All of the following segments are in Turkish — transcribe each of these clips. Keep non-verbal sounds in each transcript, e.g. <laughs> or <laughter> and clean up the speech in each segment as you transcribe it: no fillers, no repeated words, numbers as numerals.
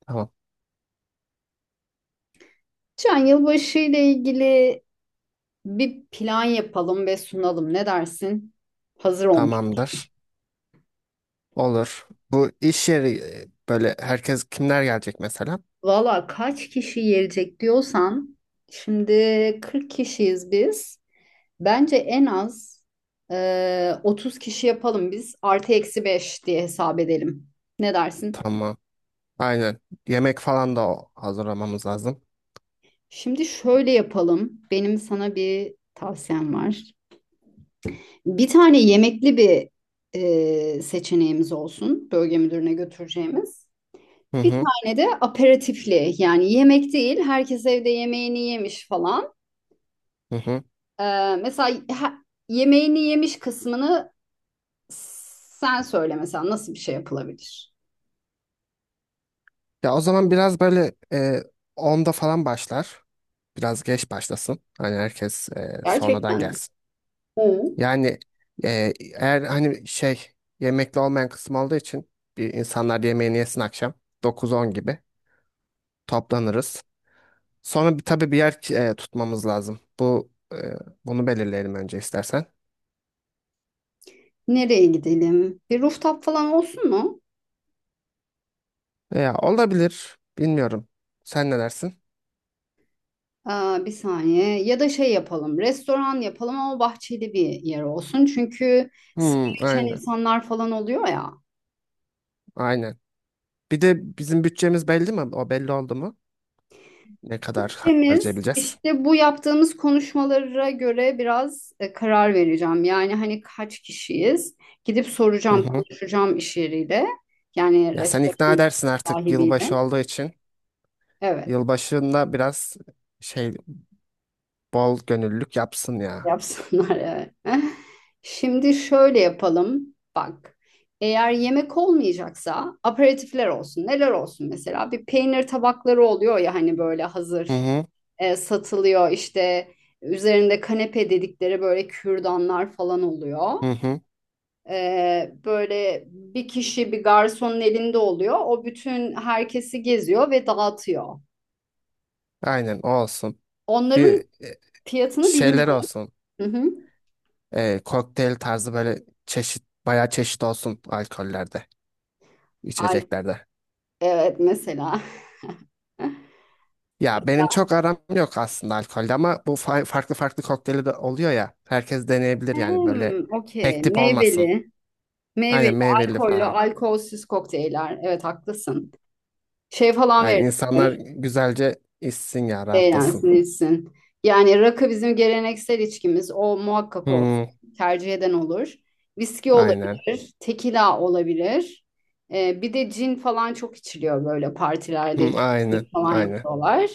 Tamam. Şu an yılbaşı ile ilgili bir plan yapalım ve sunalım. Ne dersin? Hazır olmuş. Tamamdır. Olur. Bu iş yeri böyle herkes kimler gelecek mesela? Valla kaç kişi gelecek diyorsan, şimdi 40 kişiyiz biz. Bence en az 30 kişi yapalım biz. Artı eksi 5 diye hesap edelim. Ne dersin? Tamam. Aynen. Yemek falan da hazırlamamız lazım. Şimdi şöyle yapalım. Benim sana bir tavsiyem var. Bir tane yemekli bir seçeneğimiz olsun. Bölge müdürüne götüreceğimiz. Hı Bir hı. tane de aperatifli, yani yemek değil, herkes evde yemeğini yemiş falan. Hı hı. Mesela yemeğini yemiş kısmını sen söyle, mesela nasıl bir şey yapılabilir? Ya o zaman biraz böyle 10'da falan başlar. Biraz geç başlasın. Hani herkes sonradan Gerçekten. gelsin. Hı. Yani eğer hani şey yemekli olmayan kısım olduğu için bir insanlar yemeğini yesin akşam 9-10 gibi toplanırız. Sonra tabii bir yer tutmamız lazım. Bunu belirleyelim önce istersen. Nereye gidelim? Bir rooftop falan olsun mu? Veya olabilir. Bilmiyorum. Sen ne dersin? Bir saniye, ya da şey yapalım, restoran yapalım ama bahçeli bir yer olsun, çünkü sigara Hmm, içen aynen. insanlar falan oluyor ya. Aynen. Bir de bizim bütçemiz belli mi? O belli oldu mu? Ne kadar İkimiz harcayabileceğiz? işte bu yaptığımız konuşmalara göre biraz karar vereceğim. Yani hani kaç kişiyiz? Gidip Hı soracağım, hı. konuşacağım iş yeriyle. Yani Ya sen ikna restoran edersin artık yılbaşı sahibiyle. olduğu için. Evet, Yılbaşında biraz şey bol gönüllülük yapsın ya. yapsınlar <laughs> evet. Şimdi şöyle yapalım. Bak, eğer yemek olmayacaksa aperatifler olsun. Neler olsun mesela? Bir peynir tabakları oluyor ya, hani böyle Hı hazır hı. Satılıyor. İşte üzerinde kanepe dedikleri böyle kürdanlar falan oluyor. Hı hı. Böyle bir kişi bir garsonun elinde oluyor. O bütün herkesi geziyor ve dağıtıyor. Aynen o olsun. Bir Onların e, fiyatını şeyler bilmiyorum. olsun. Hı hı. Kokteyl tarzı böyle çeşit bayağı çeşit olsun alkollerde, Ay, içeceklerde. evet mesela. Ya benim çok aram yok aslında alkolde ama bu farklı farklı kokteyli de oluyor ya. Herkes deneyebilir yani böyle Hmm, okey. tek tip olmasın. Meyveli, Aynen meyveli, meyveli alkollü, falan. alkolsüz kokteyller. Evet, haklısın. Şey falan Aynen veriyor. insanlar güzelce içsin ya rahatlasın. Eğlensin. Yani rakı bizim geleneksel içkimiz. O muhakkak olsun. Hmm, Tercih eden olur. Viski aynen. olabilir, tekila olabilir. Bir de cin falan çok içiliyor böyle partilerde, Hmm, cin aynen. falan Aynen. yapıyorlar.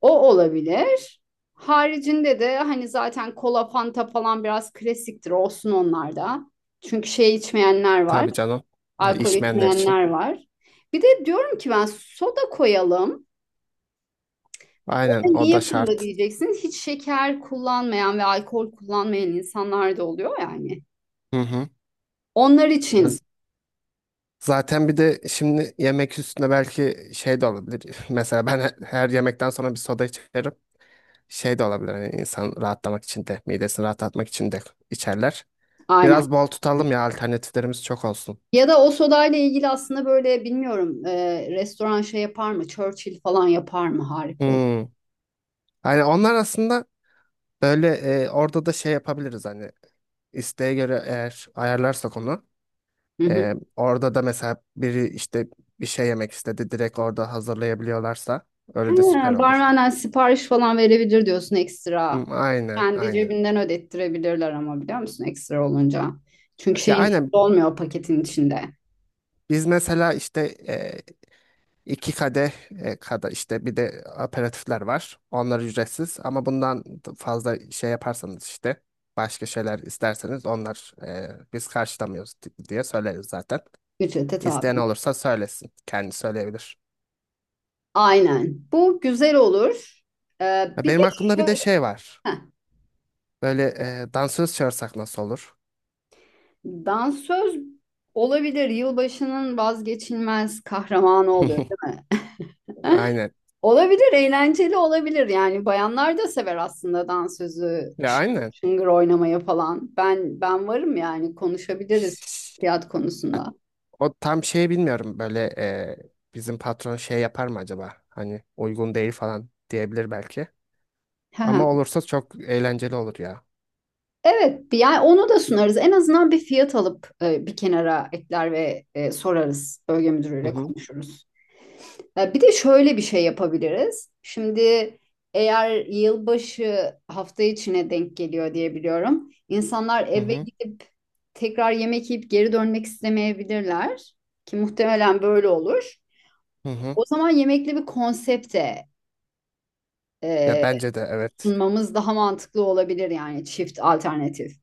O olabilir. Haricinde de hani zaten kola, fanta falan biraz klasiktir. Olsun onlar da. Çünkü şey içmeyenler var. Tabii canım. Ya, Alkol içmeyenler için. içmeyenler var. Bir de diyorum ki ben soda koyalım. Aynen o Niye da funda şart. diyeceksin? Hiç şeker kullanmayan ve alkol kullanmayan insanlar da oluyor yani. Hı hı. Onlar için Zaten bir de şimdi yemek üstüne belki şey de olabilir. <laughs> Mesela ben her yemekten sonra bir soda içerim. Şey de olabilir hani insan rahatlamak için de, midesini rahatlatmak için de içerler. aynen. Biraz bol tutalım ya alternatiflerimiz çok olsun. Ya da o sodayla ilgili aslında böyle bilmiyorum, restoran şey yapar mı? Churchill falan yapar mı? Harika olur. Hmm. Hani onlar aslında böyle orada da şey yapabiliriz hani isteğe göre eğer ayarlarsak onu. Hı hı. Orada da mesela biri işte bir şey yemek istedi direkt orada hazırlayabiliyorlarsa He, öyle de süper olur. barmenden sipariş falan verebilir diyorsun, ekstra. Hmm, aynen Kendi aynen. cebinden ödettirebilirler ama, biliyor musun, ekstra olunca. Çünkü Ya şeyin içinde aynen. olmuyor, paketin içinde. Biz mesela işte e, iki kadeh kadar işte bir de aperatifler var. Onlar ücretsiz ama bundan fazla şey yaparsanız işte başka şeyler isterseniz onlar biz karşılamıyoruz diye söyleriz zaten. Ücrete İsteyen tabi. olursa söylesin. Kendi söyleyebilir. Aynen. Bu güzel olur. Ya Bir de benim aklımda bir de şey var. Heh, Böyle dansöz çağırsak nasıl olur? dansöz olabilir. Yılbaşının vazgeçilmez kahramanı oluyor, <laughs> değil mi? <laughs> Aynen. Olabilir, eğlenceli olabilir. Yani bayanlar da sever aslında dansözü, Ya şıngır aynen. şıngır oynamayı falan. Ben varım yani, konuşabiliriz fiyat konusunda. O tam şey bilmiyorum böyle bizim patron şey yapar mı acaba? Hani uygun değil falan diyebilir belki. Hı hı. Ama olursa çok eğlenceli olur ya. Evet, yani onu da sunarız. En azından bir fiyat alıp bir kenara ekler ve sorarız. Bölge Hı müdürüyle hı, konuşuruz. Ya bir de şöyle bir şey yapabiliriz. Şimdi eğer yılbaşı hafta içine denk geliyor diye biliyorum. İnsanlar hı eve hı, gidip tekrar yemek yiyip geri dönmek istemeyebilirler ki muhtemelen böyle olur. hı hı. O zaman yemekli bir konsepte Ya e, bence de evet. sunmamız daha mantıklı olabilir, yani çift alternatif.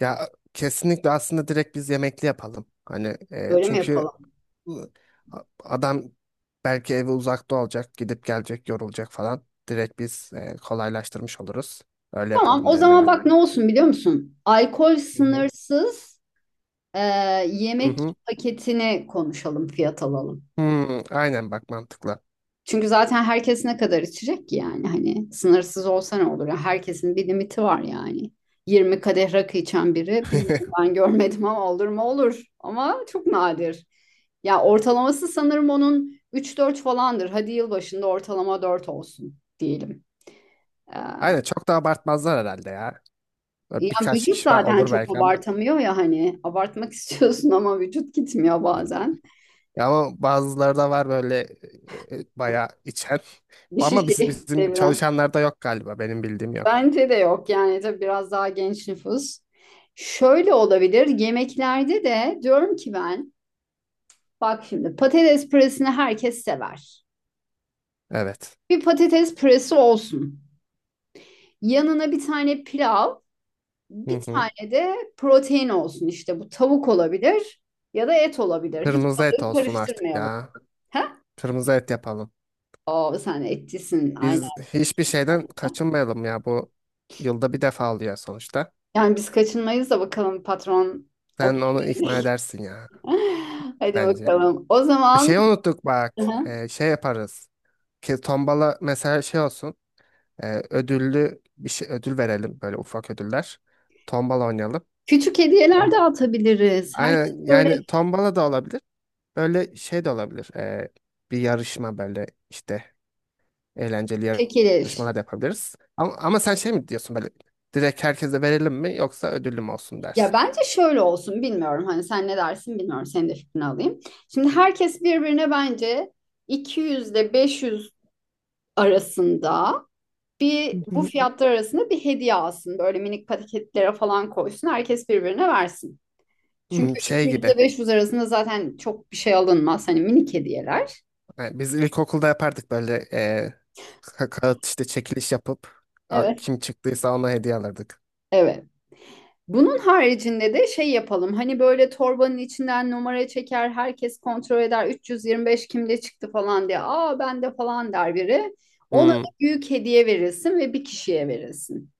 Ya kesinlikle aslında direkt biz yemekli yapalım. Hani Öyle mi çünkü yapalım? ı, adam belki evi uzakta olacak, gidip gelecek, yorulacak falan. Direkt biz kolaylaştırmış oluruz. Öyle Tamam, yapalım o derim zaman ben. bak ne olsun biliyor musun? Alkol Hı hı. sınırsız, e, Hı yemek hı. paketini konuşalım, fiyat alalım. Hmm, aynen bak mantıklı. Çünkü zaten herkes ne kadar içecek ki yani, hani sınırsız olsa ne olur? Ya, herkesin bir limiti var yani. 20 kadeh rakı içen biri, <laughs> bilmiyorum, ben görmedim ama olur mu olur. Ama çok nadir. Ya, ortalaması sanırım onun 3-4 falandır. Hadi yılbaşında ortalama 4 olsun diyelim. Ee, Aynen çok da abartmazlar herhalde ya. Böyle yani birkaç vücut kişi var, zaten olur çok belki ama. abartamıyor ya, hani abartmak <laughs> istiyorsun ama vücut gitmiyor bazen. Ya ama bazıları da var böyle bayağı içen. Bir Ama şişeyi bizim deviren. çalışanlarda yok galiba. Benim bildiğim yok. Bence de yok yani, tabii biraz daha genç nüfus. Şöyle olabilir yemeklerde de, diyorum ki ben, bak şimdi patates püresini herkes sever. Evet. Bir patates püresi olsun. Yanına bir tane pilav, bir Hı hı. tane de protein olsun, işte bu tavuk olabilir ya da et olabilir. Hiç Kırmızı et balığı olsun artık karıştırmayalım. ya. He? Kırmızı et yapalım. Oo, sen etçisin aynen. Biz hiçbir şeyden kaçınmayalım ya. Bu yılda bir defa oluyor sonuçta. Yani biz kaçınmayız da, bakalım patron. Sen onu ikna edersin ya <laughs> Hadi bence. bakalım. O zaman. Şey unuttuk Hı bak. hı. E, şey yaparız. Ki tombala mesela şey olsun. Ödüllü bir şey ödül verelim böyle ufak ödüller. Tombala oynayalım. Küçük hediyeler Tamam. dağıtabiliriz. Herkes Aynen, böyle yani tombala da olabilir. Böyle şey de olabilir. Bir yarışma böyle işte eğlenceli çekilir. yarışmalar da yapabiliriz. Ama sen şey mi diyorsun böyle direkt herkese verelim mi yoksa ödüllü mü olsun Ya dersin? bence şöyle olsun, bilmiyorum. Hani sen ne dersin, bilmiyorum. Senin de fikrini alayım. Şimdi herkes birbirine bence 200 ile 500 arasında, Hı bir bu hı. fiyatlar arasında bir hediye alsın. Böyle minik paketlere falan koysun. Herkes birbirine versin. Çünkü Hmm, şey 200 gibi. ile 500 arasında zaten çok bir şey alınmaz. Hani minik hediyeler. Yani biz ilkokulda yapardık böyle kağıt işte çekiliş yapıp Evet. kim çıktıysa ona hediye alırdık. Evet. Bunun haricinde de şey yapalım. Hani böyle torbanın içinden numara çeker, herkes kontrol eder. 325 kimde çıktı falan diye. Aa, bende falan der biri. Ona da Hmm, büyük hediye verilsin ve bir kişiye verilsin.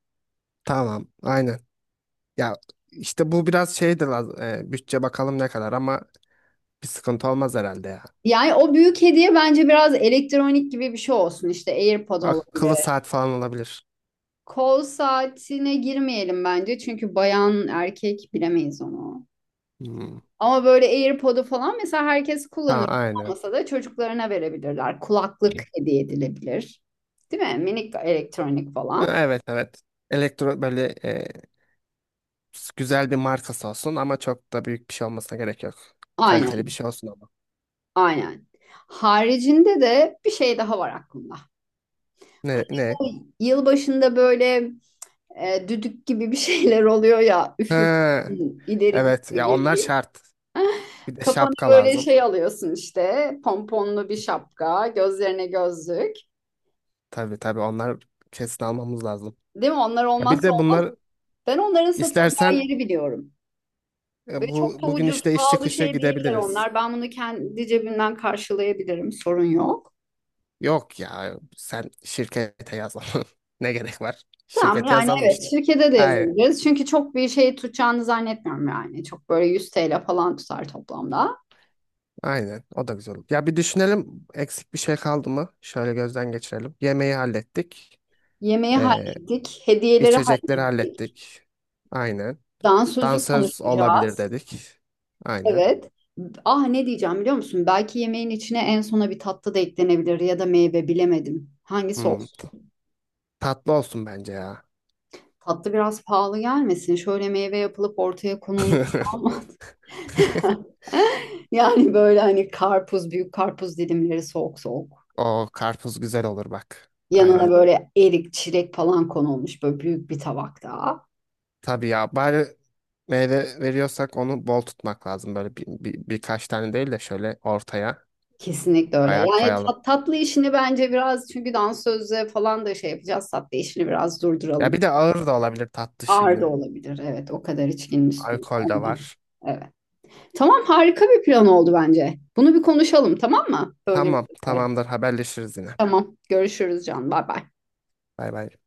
tamam. Aynen. Ya işte bu biraz şeydir bütçe bakalım ne kadar ama bir sıkıntı olmaz herhalde ya. Yani o büyük hediye bence biraz elektronik gibi bir şey olsun. İşte AirPod Akıllı olabilir. saat falan olabilir. Kol saatine girmeyelim bence. Çünkü bayan erkek bilemeyiz onu. Hmm. Ama böyle AirPod'u falan mesela herkes Ha, kullanır. aynen. Olmasa da çocuklarına verebilirler. Kulaklık E, hediye edilebilir. Değil mi? Minik elektronik falan. Evet, evet. Böyle güzel bir markası olsun ama çok da büyük bir şey olmasına gerek yok. Kaliteli bir Aynen, şey olsun ama. aynen. Haricinde de bir şey daha var aklımda. Ne ne? O yılbaşında böyle düdük gibi bir <laughs> şeyler oluyor ya. Üfür, Ha, ileri git evet ya geri onlar git. şart. Bir de Kafanı şapka böyle lazım. şey alıyorsun işte. Pomponlu bir şapka, gözlerine gözlük. Tabii tabii onlar kesin almamız lazım. Değil mi? Onlar Ya bir olmazsa de olmaz. bunlar Ben onların satılacağı istersen yeri biliyorum. Ve bu çok da bugün ucuz, işte iş pahalı çıkışı şey değiller gidebiliriz. onlar. Ben bunu kendi cebimden karşılayabilirim, sorun yok. Yok ya sen şirkete yazalım. <laughs> Ne gerek var? Tamam Şirkete yani, yazalım evet, işte. şirkete de Aynen. yazabiliriz. Çünkü çok bir şey tutacağını zannetmiyorum yani. Çok böyle 100 TL falan tutar toplamda. Aynen. O da güzel olur. Ya bir düşünelim eksik bir şey kaldı mı? Şöyle gözden geçirelim. Yemeği hallettik. Yemeği Ee, hallettik, hediyeleri içecekleri hallettik. hallettik. Aynen. Dansözü Dansöz olabilir konuşacağız. dedik. Aynen. Evet. Ah, ne diyeceğim biliyor musun? Belki yemeğin içine en sona bir tatlı da eklenebilir ya da meyve, bilemedim. Hangisi Hmm. olsun? Tatlı olsun bence ya. Tatlı biraz pahalı gelmesin. Şöyle meyve yapılıp ortaya konulmuş. <laughs> <laughs> Yani böyle hani karpuz, büyük karpuz dilimleri soğuk soğuk. O karpuz güzel olur bak. Yanına Aynen. böyle erik, çilek falan konulmuş böyle büyük bir tabakta. Tabii ya bari meyve veriyorsak onu bol tutmak lazım. Böyle birkaç tane değil de şöyle ortaya. Kesinlikle öyle. Bayağı Yani koyalım. Tatlı işini bence biraz, çünkü dansözle falan da şey yapacağız. Tatlı işini biraz Ya durduralım. bir de ağır da olabilir tatlı Ağır da şimdi. olabilir. Evet, o kadar içkinin üstüne. Alkol de Ama, var. evet. Tamam, harika bir plan oldu bence. Bunu bir konuşalım, tamam mı? Tamam, Bölgemizde. tamamdır. Haberleşiriz yine. Tamam. Görüşürüz Can. Bay bay. Bay bay.